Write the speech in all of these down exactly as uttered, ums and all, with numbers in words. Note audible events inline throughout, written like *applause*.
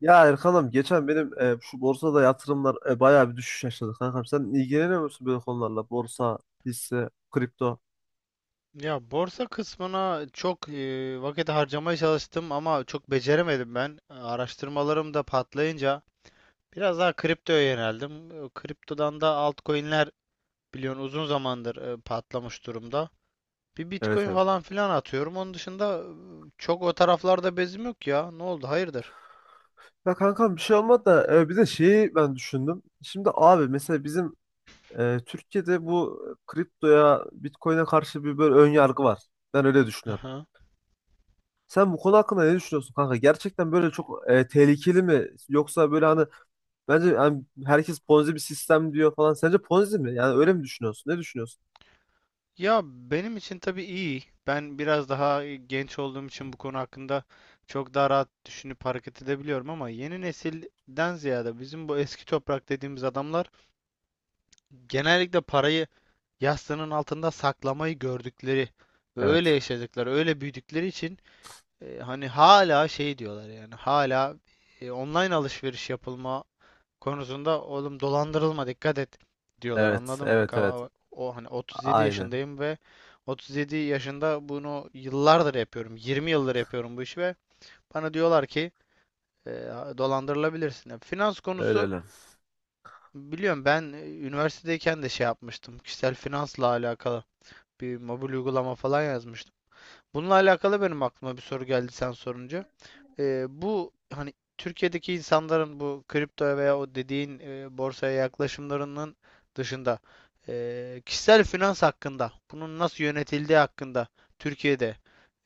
Ya Erkan'ım geçen benim e, şu borsada yatırımlar e, bayağı bir düşüş yaşadı kankam. Sen ilgileniyor musun böyle konularla? Borsa, hisse, kripto. Ya borsa kısmına çok e, vakit harcamaya çalıştım ama çok beceremedim ben. Araştırmalarım da patlayınca biraz daha kriptoya yöneldim. E, Kriptodan da altcoin'ler biliyorsun uzun zamandır e, patlamış durumda. Bir Evet, Bitcoin evet. falan filan atıyorum. Onun dışında e, çok o taraflarda bezim yok ya. Ne oldu? Hayırdır? Ya kankam bir şey olmadı da e, bir de şeyi ben düşündüm. Şimdi abi mesela bizim e, Türkiye'de bu kriptoya, Bitcoin'e karşı bir böyle ön yargı var. Ben öyle düşünüyorum. Sen bu konu hakkında ne düşünüyorsun kanka? Gerçekten böyle çok e, tehlikeli mi? Yoksa böyle hani bence hani herkes Ponzi bir sistem diyor falan. Sence Ponzi mi? Yani öyle mi düşünüyorsun? Ne düşünüyorsun? Ya benim için tabii iyi. Ben biraz daha e, genç olduğum için bu konu hakkında çok daha rahat düşünüp hareket edebiliyorum ama yeni nesilden ziyade bizim bu eski toprak dediğimiz adamlar genellikle parayı yastığının altında saklamayı gördükleri ve öyle Evet. yaşadıkları, öyle büyüdükleri için e, hani hala şey diyorlar, yani hala e, online alışveriş yapılma konusunda oğlum dolandırılma dikkat et diyorlar, Evet, anladın mı? evet, evet. Kava- O hani otuz yedi Aynen. yaşındayım ve otuz yedi yaşında bunu yıllardır yapıyorum. yirmi yıldır yapıyorum bu işi ve bana diyorlar ki e, dolandırılabilirsin. Ya, finans Öyle konusu öyle. biliyorum ben, e, üniversitedeyken de şey yapmıştım. Kişisel finansla alakalı bir mobil uygulama falan yazmıştım. Bununla alakalı benim aklıma bir soru geldi sen sorunca. E, bu hani Türkiye'deki insanların bu kripto veya o dediğin e, borsaya yaklaşımlarının dışında e, kişisel finans hakkında, bunun nasıl yönetildiği hakkında Türkiye'de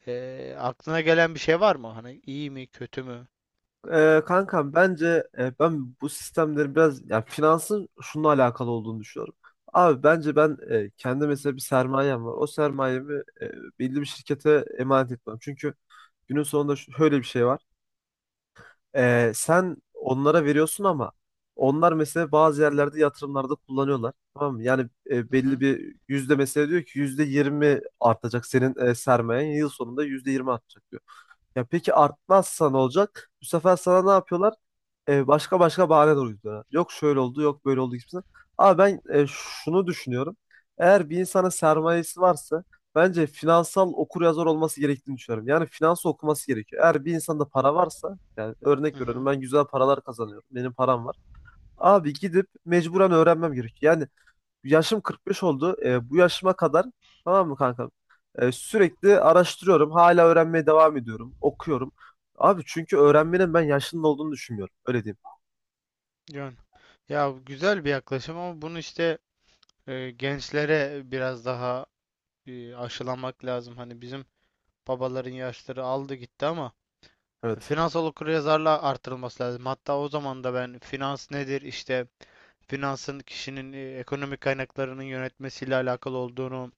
e, aklına gelen bir şey var mı? Hani iyi mi, kötü mü? Ee, kankam bence e, ben bu sistemleri biraz ya finansın şununla alakalı olduğunu düşünüyorum. Abi bence ben e, kendi mesela bir sermayem var. O sermayemi e, belli bir şirkete emanet etmem. Çünkü günün sonunda şöyle bir şey var. Ee, sen onlara veriyorsun ama onlar mesela bazı yerlerde yatırımlarda kullanıyorlar. Tamam mı? Yani e, Hı belli hı, bir yüzde mesela diyor ki yüzde yirmi artacak senin e, sermayen yıl sonunda yüzde yirmi artacak diyor. Ya peki artmazsa ne olacak? Bu sefer sana ne yapıyorlar? E, başka başka bahane de uyduruyorlar. Yok şöyle oldu, yok böyle oldu gibisinden. Ama ben e, şunu düşünüyorum. Eğer bir insana sermayesi varsa bence finansal okuryazar olması gerektiğini düşünüyorum. Yani finans okuması gerekiyor. Eğer bir insanda para varsa, yani örnek hı veriyorum hı. ben güzel paralar kazanıyorum. Benim param var. Abi gidip mecburen öğrenmem gerekiyor. Yani yaşım kırk beş oldu. E, bu yaşıma kadar tamam mı kankam? E, sürekli araştırıyorum. Hala öğrenmeye devam ediyorum. Okuyorum. Abi çünkü öğrenmenin ben yaşının olduğunu düşünmüyorum. Öyle diyeyim. Yani, ya güzel bir yaklaşım ama bunu işte e, gençlere biraz daha e, aşılamak lazım. Hani bizim babaların yaşları aldı gitti ama Evet. finansal okuryazarlığa artırılması lazım. Hatta o zaman da ben finans nedir işte finansın kişinin e, ekonomik kaynaklarının yönetmesiyle alakalı olduğunu,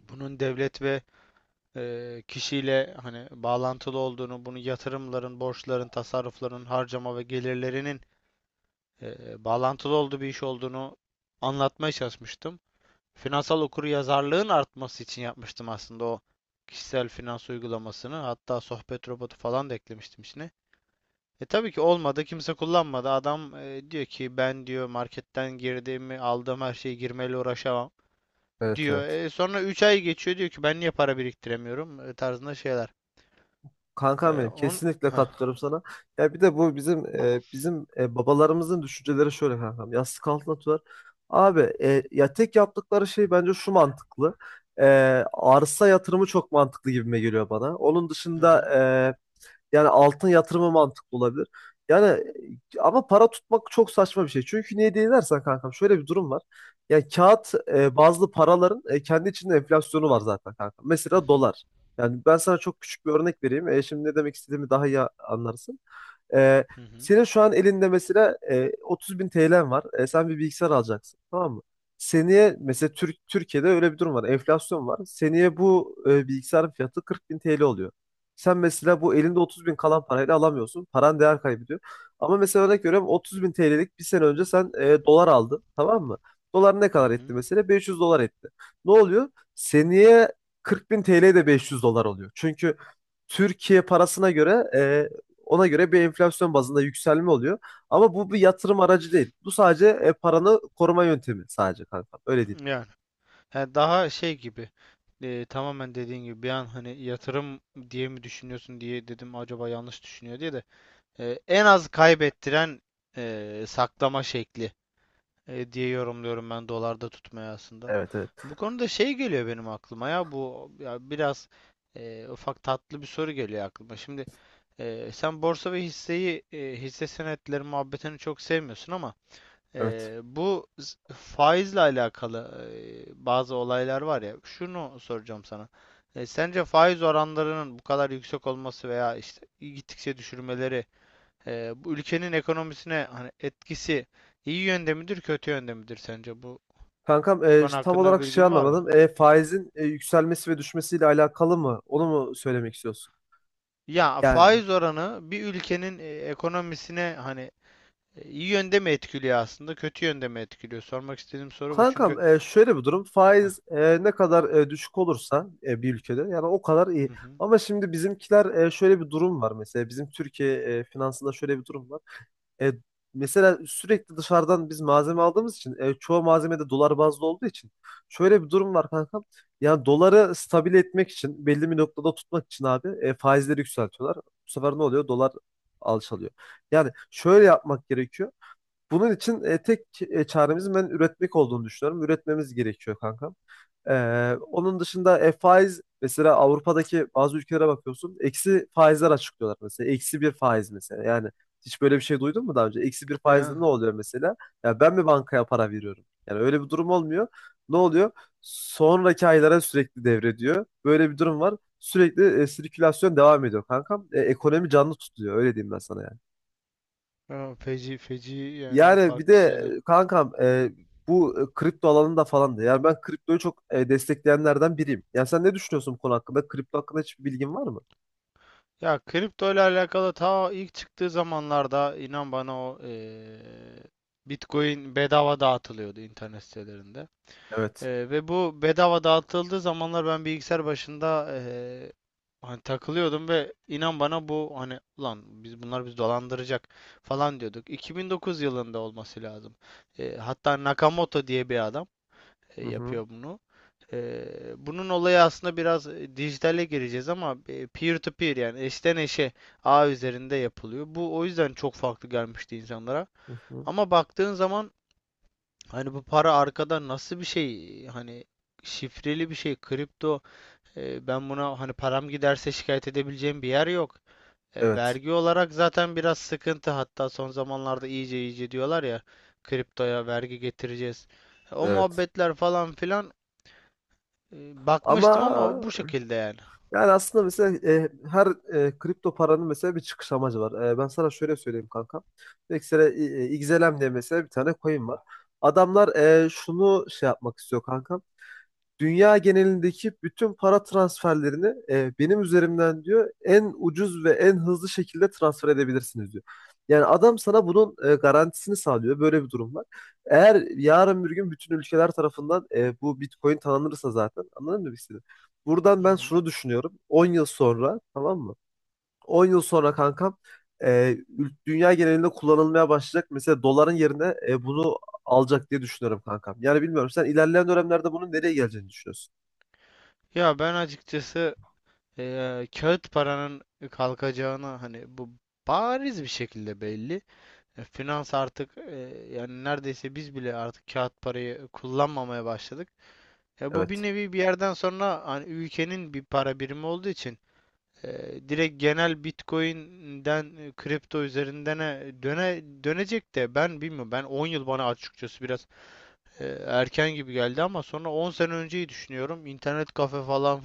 bunun devlet ve e, kişiyle hani bağlantılı olduğunu, bunu yatırımların, borçların, tasarrufların, harcama ve gelirlerinin e, bağlantılı olduğu bir iş olduğunu anlatmaya çalışmıştım. Finansal okuryazarlığın artması için yapmıştım aslında o kişisel finans uygulamasını. Hatta sohbet robotu falan da eklemiştim içine. E tabii ki olmadı. Kimse kullanmadı. Adam e, diyor ki ben diyor marketten girdiğimi aldığım her şeyi girmeyle uğraşamam Evet, diyor. evet. E, sonra üç ay geçiyor diyor ki ben niye para biriktiremiyorum e, tarzında şeyler. E, Kankam benim on kesinlikle Heh. katılıyorum sana. Ya bir de bu bizim e, bizim e, babalarımızın düşünceleri şöyle kankam. Yastık altına atıyorlar. Abi e, ya tek yaptıkları şey bence şu mantıklı. E, Arsa yatırımı çok mantıklı gibime geliyor bana. Onun Hı dışında hı. e, yani altın yatırımı mantıklı olabilir. Yani e, ama para tutmak çok saçma bir şey. Çünkü niye diye dersen kankam şöyle bir durum var. Yani kağıt e, bazlı paraların e, kendi içinde enflasyonu var zaten kankam. Hı Mesela hı. dolar. Yani ben sana çok küçük bir örnek vereyim. E, şimdi ne demek istediğimi daha iyi anlarsın. E, Hı hı. Senin şu an elinde mesela e, otuz bin T L'n var. E, sen bir bilgisayar alacaksın. Tamam mı? Seneye mesela Türk, Türkiye'de öyle bir durum var. Enflasyon var. Seneye bu e, bilgisayarın fiyatı kırk bin T L oluyor. Sen mesela bu elinde otuz bin kalan parayla alamıyorsun. Paran değer kaybediyor. Ama mesela örnek veriyorum otuz bin T L'lik bir sene önce sen e, dolar aldın. Tamam mı? Dolar ne Hı kadar etti hı. mesela? beş yüz dolar etti. Ne oluyor? Seneye kırk bin T L de beş yüz dolar oluyor. Çünkü Türkiye parasına göre e, ona göre bir enflasyon bazında yükselme oluyor. Ama bu bir yatırım aracı değil. Bu sadece e, paranı koruma yöntemi sadece kankam. Öyle değil. Yani he, daha şey gibi, e, tamamen dediğin gibi bir an hani yatırım diye mi düşünüyorsun diye dedim, acaba yanlış düşünüyor diye de. E, en az kaybettiren e, saklama şekli e, diye yorumluyorum ben dolarda tutmaya aslında. Evet, evet. Bu konuda şey geliyor benim aklıma, ya bu ya biraz e, ufak tatlı bir soru geliyor aklıma. Şimdi e, sen borsa ve hisseyi, e, hisse senetleri muhabbetini çok sevmiyorsun ama Evet. e, bu z- faizle alakalı e, bazı olaylar var ya. Şunu soracağım sana. E, sence faiz oranlarının bu kadar yüksek olması veya işte gittikçe düşürmeleri, ee, bu ülkenin ekonomisine hani etkisi iyi yönde midir, kötü yönde midir sence? Bu Kankam bu e, konu tam hakkında bir olarak şey bilgin var mı? anlamadım. E, faizin e, yükselmesi ve düşmesiyle alakalı mı? Onu mu söylemek istiyorsun? Ya Yani faiz oranı bir ülkenin e, ekonomisine hani e, iyi yönde mi etkiliyor aslında, kötü yönde mi etkiliyor? Sormak istediğim soru bu. Çünkü kankam e, şöyle bir durum. ah, Faiz e, ne kadar e, düşük olursa e, bir ülkede yani o kadar iyi. hı hı. Ama şimdi bizimkiler e, şöyle bir durum var mesela. Bizim Türkiye e, finansında şöyle bir durum var. E, Mesela sürekli dışarıdan biz malzeme aldığımız için e, çoğu malzeme de dolar bazlı olduğu için şöyle bir durum var kankam. Yani doları stabil etmek için belli bir noktada tutmak için abi e, faizleri yükseltiyorlar. Bu sefer ne oluyor? Dolar alçalıyor. Yani şöyle yapmak gerekiyor. Bunun için e, tek e, çaremizin ben üretmek olduğunu düşünüyorum. Üretmemiz gerekiyor kankam. Ee, onun dışında e, faiz mesela Avrupa'daki bazı ülkelere bakıyorsun, eksi faizler açıklıyorlar. Mesela eksi bir faiz mesela. Yani hiç böyle bir şey duydun mu daha önce? Eksi bir faizde ne Ya oluyor mesela? Ya ben mi bankaya para veriyorum? Yani öyle bir durum olmuyor. Ne oluyor? Sonraki aylara sürekli devrediyor. Böyle bir durum var. Sürekli e, sirkülasyon devam ediyor kankam. E, ekonomi canlı tutuluyor. Öyle diyeyim ben sana yani. ya feci feci, yani Yani bir de farklı şeyler. e, kankam e, bu e, kripto alanında falan da. Yani ben kriptoyu çok e, destekleyenlerden biriyim. Yani sen ne düşünüyorsun bu konu hakkında? Kripto hakkında hiçbir bilgin var mı? Ya kripto ile alakalı ta ilk çıktığı zamanlarda inan bana o eee, Bitcoin bedava dağıtılıyordu internet sitelerinde. Ee, Evet. ve bu bedava dağıtıldığı zamanlar ben bilgisayar başında ee, hani takılıyordum ve inan bana bu hani ulan biz bunlar bizi dolandıracak falan diyorduk. iki bin dokuz yılında olması lazım. Ee, hatta Nakamoto diye bir adam e, Hı hı. yapıyor bunu. Ee, bunun olayı aslında biraz e, dijitale gireceğiz ama e, peer to peer, yani eşten eşe ağ üzerinde yapılıyor. Bu o yüzden çok farklı gelmişti insanlara. Hı hı. Ama baktığın zaman hani bu para arkada nasıl bir şey? Hani şifreli bir şey. Kripto. E, ben buna hani param giderse şikayet edebileceğim bir yer yok. E, Evet. vergi olarak zaten biraz sıkıntı. Hatta son zamanlarda iyice iyice diyorlar ya kriptoya vergi getireceğiz. E, o Evet. muhabbetler falan filan e, Ama bakmıştım ama bu şekilde yani. yani aslında mesela e, her e, kripto paranın mesela bir çıkış amacı var. E, ben sana şöyle söyleyeyim kanka. Mesela e, e, X L M diye mesela bir tane coin var. Adamlar e, şunu şey yapmak istiyor kanka. Dünya genelindeki bütün para transferlerini e, benim üzerimden diyor en ucuz ve en hızlı şekilde transfer edebilirsiniz diyor. Yani adam sana bunun e, garantisini sağlıyor. Böyle bir durum var. Eğer yarın bir gün bütün ülkeler tarafından e, bu Bitcoin tanınırsa zaten anladın mı birisini? Buradan Hı ben hı. şunu düşünüyorum. on yıl sonra tamam mı? on yıl sonra kankam e, ül- dünya genelinde kullanılmaya başlayacak. Mesela doların yerine e, bunu alacak diye düşünüyorum kankam. Yani bilmiyorum sen ilerleyen dönemlerde bunun nereye geleceğini düşünüyorsun? Ya ben açıkçası e, kağıt paranın kalkacağına hani bu bariz bir şekilde belli. E, Finans artık, e, yani neredeyse biz bile artık kağıt parayı kullanmamaya başladık. E, bu bir Evet. nevi bir yerden sonra hani ülkenin bir para birimi olduğu için e, direkt genel Bitcoin'den e, kripto üzerindene döne dönecek de ben bilmiyorum. Ben on yıl bana açıkçası biraz e, erken gibi geldi ama sonra on sene önceyi düşünüyorum. İnternet kafe falan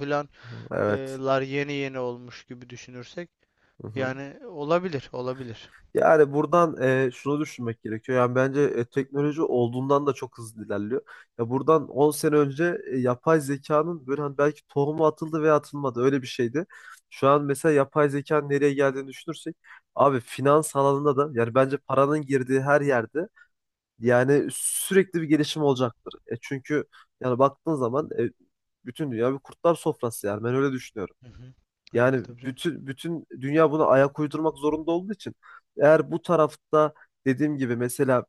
Evet. filanlar e, yeni yeni olmuş gibi düşünürsek Hı hı. yani olabilir, olabilir. Yani buradan e, şunu düşünmek gerekiyor. Yani bence e, teknoloji olduğundan da çok hızlı ilerliyor. Ya buradan on sene önce e, yapay zekanın böyle hani belki tohumu atıldı veya atılmadı öyle bir şeydi. Şu an mesela yapay zekanın nereye geldiğini düşünürsek abi finans alanında da yani bence paranın girdiği her yerde yani sürekli bir gelişim olacaktır. E, çünkü yani baktığın zaman e, bütün dünya bir kurtlar sofrası yani ben öyle düşünüyorum. Hı hı. Öyle Yani tabii canım. bütün bütün dünya buna ayak uydurmak zorunda olduğu için eğer bu tarafta dediğim gibi mesela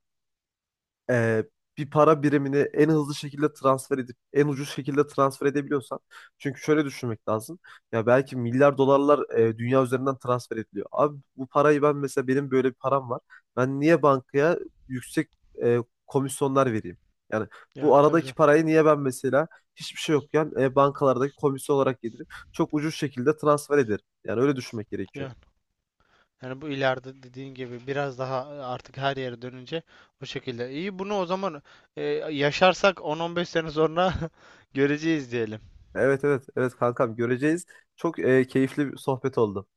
e, bir para birimini en hızlı şekilde transfer edip en ucuz şekilde transfer edebiliyorsan çünkü şöyle düşünmek lazım. Ya belki milyar dolarlar e, dünya üzerinden transfer ediliyor. Abi bu parayı ben mesela benim böyle bir param var. Ben niye bankaya yüksek e, komisyonlar vereyim? Yani bu Yani tabii aradaki canım. parayı niye ben mesela hiçbir şey yokken e, bankalardaki komisyon olarak yedirip çok ucuz şekilde transfer ederim. Yani öyle düşünmek gerekiyor. Yani yani bu ileride dediğin gibi biraz daha e, artık her yere dönünce o şekilde. İyi bunu o zaman e, yaşarsak on on beş sene sonra *laughs* göreceğiz diyelim. Evet, evet, evet kankam göreceğiz. Çok e, keyifli bir sohbet oldu.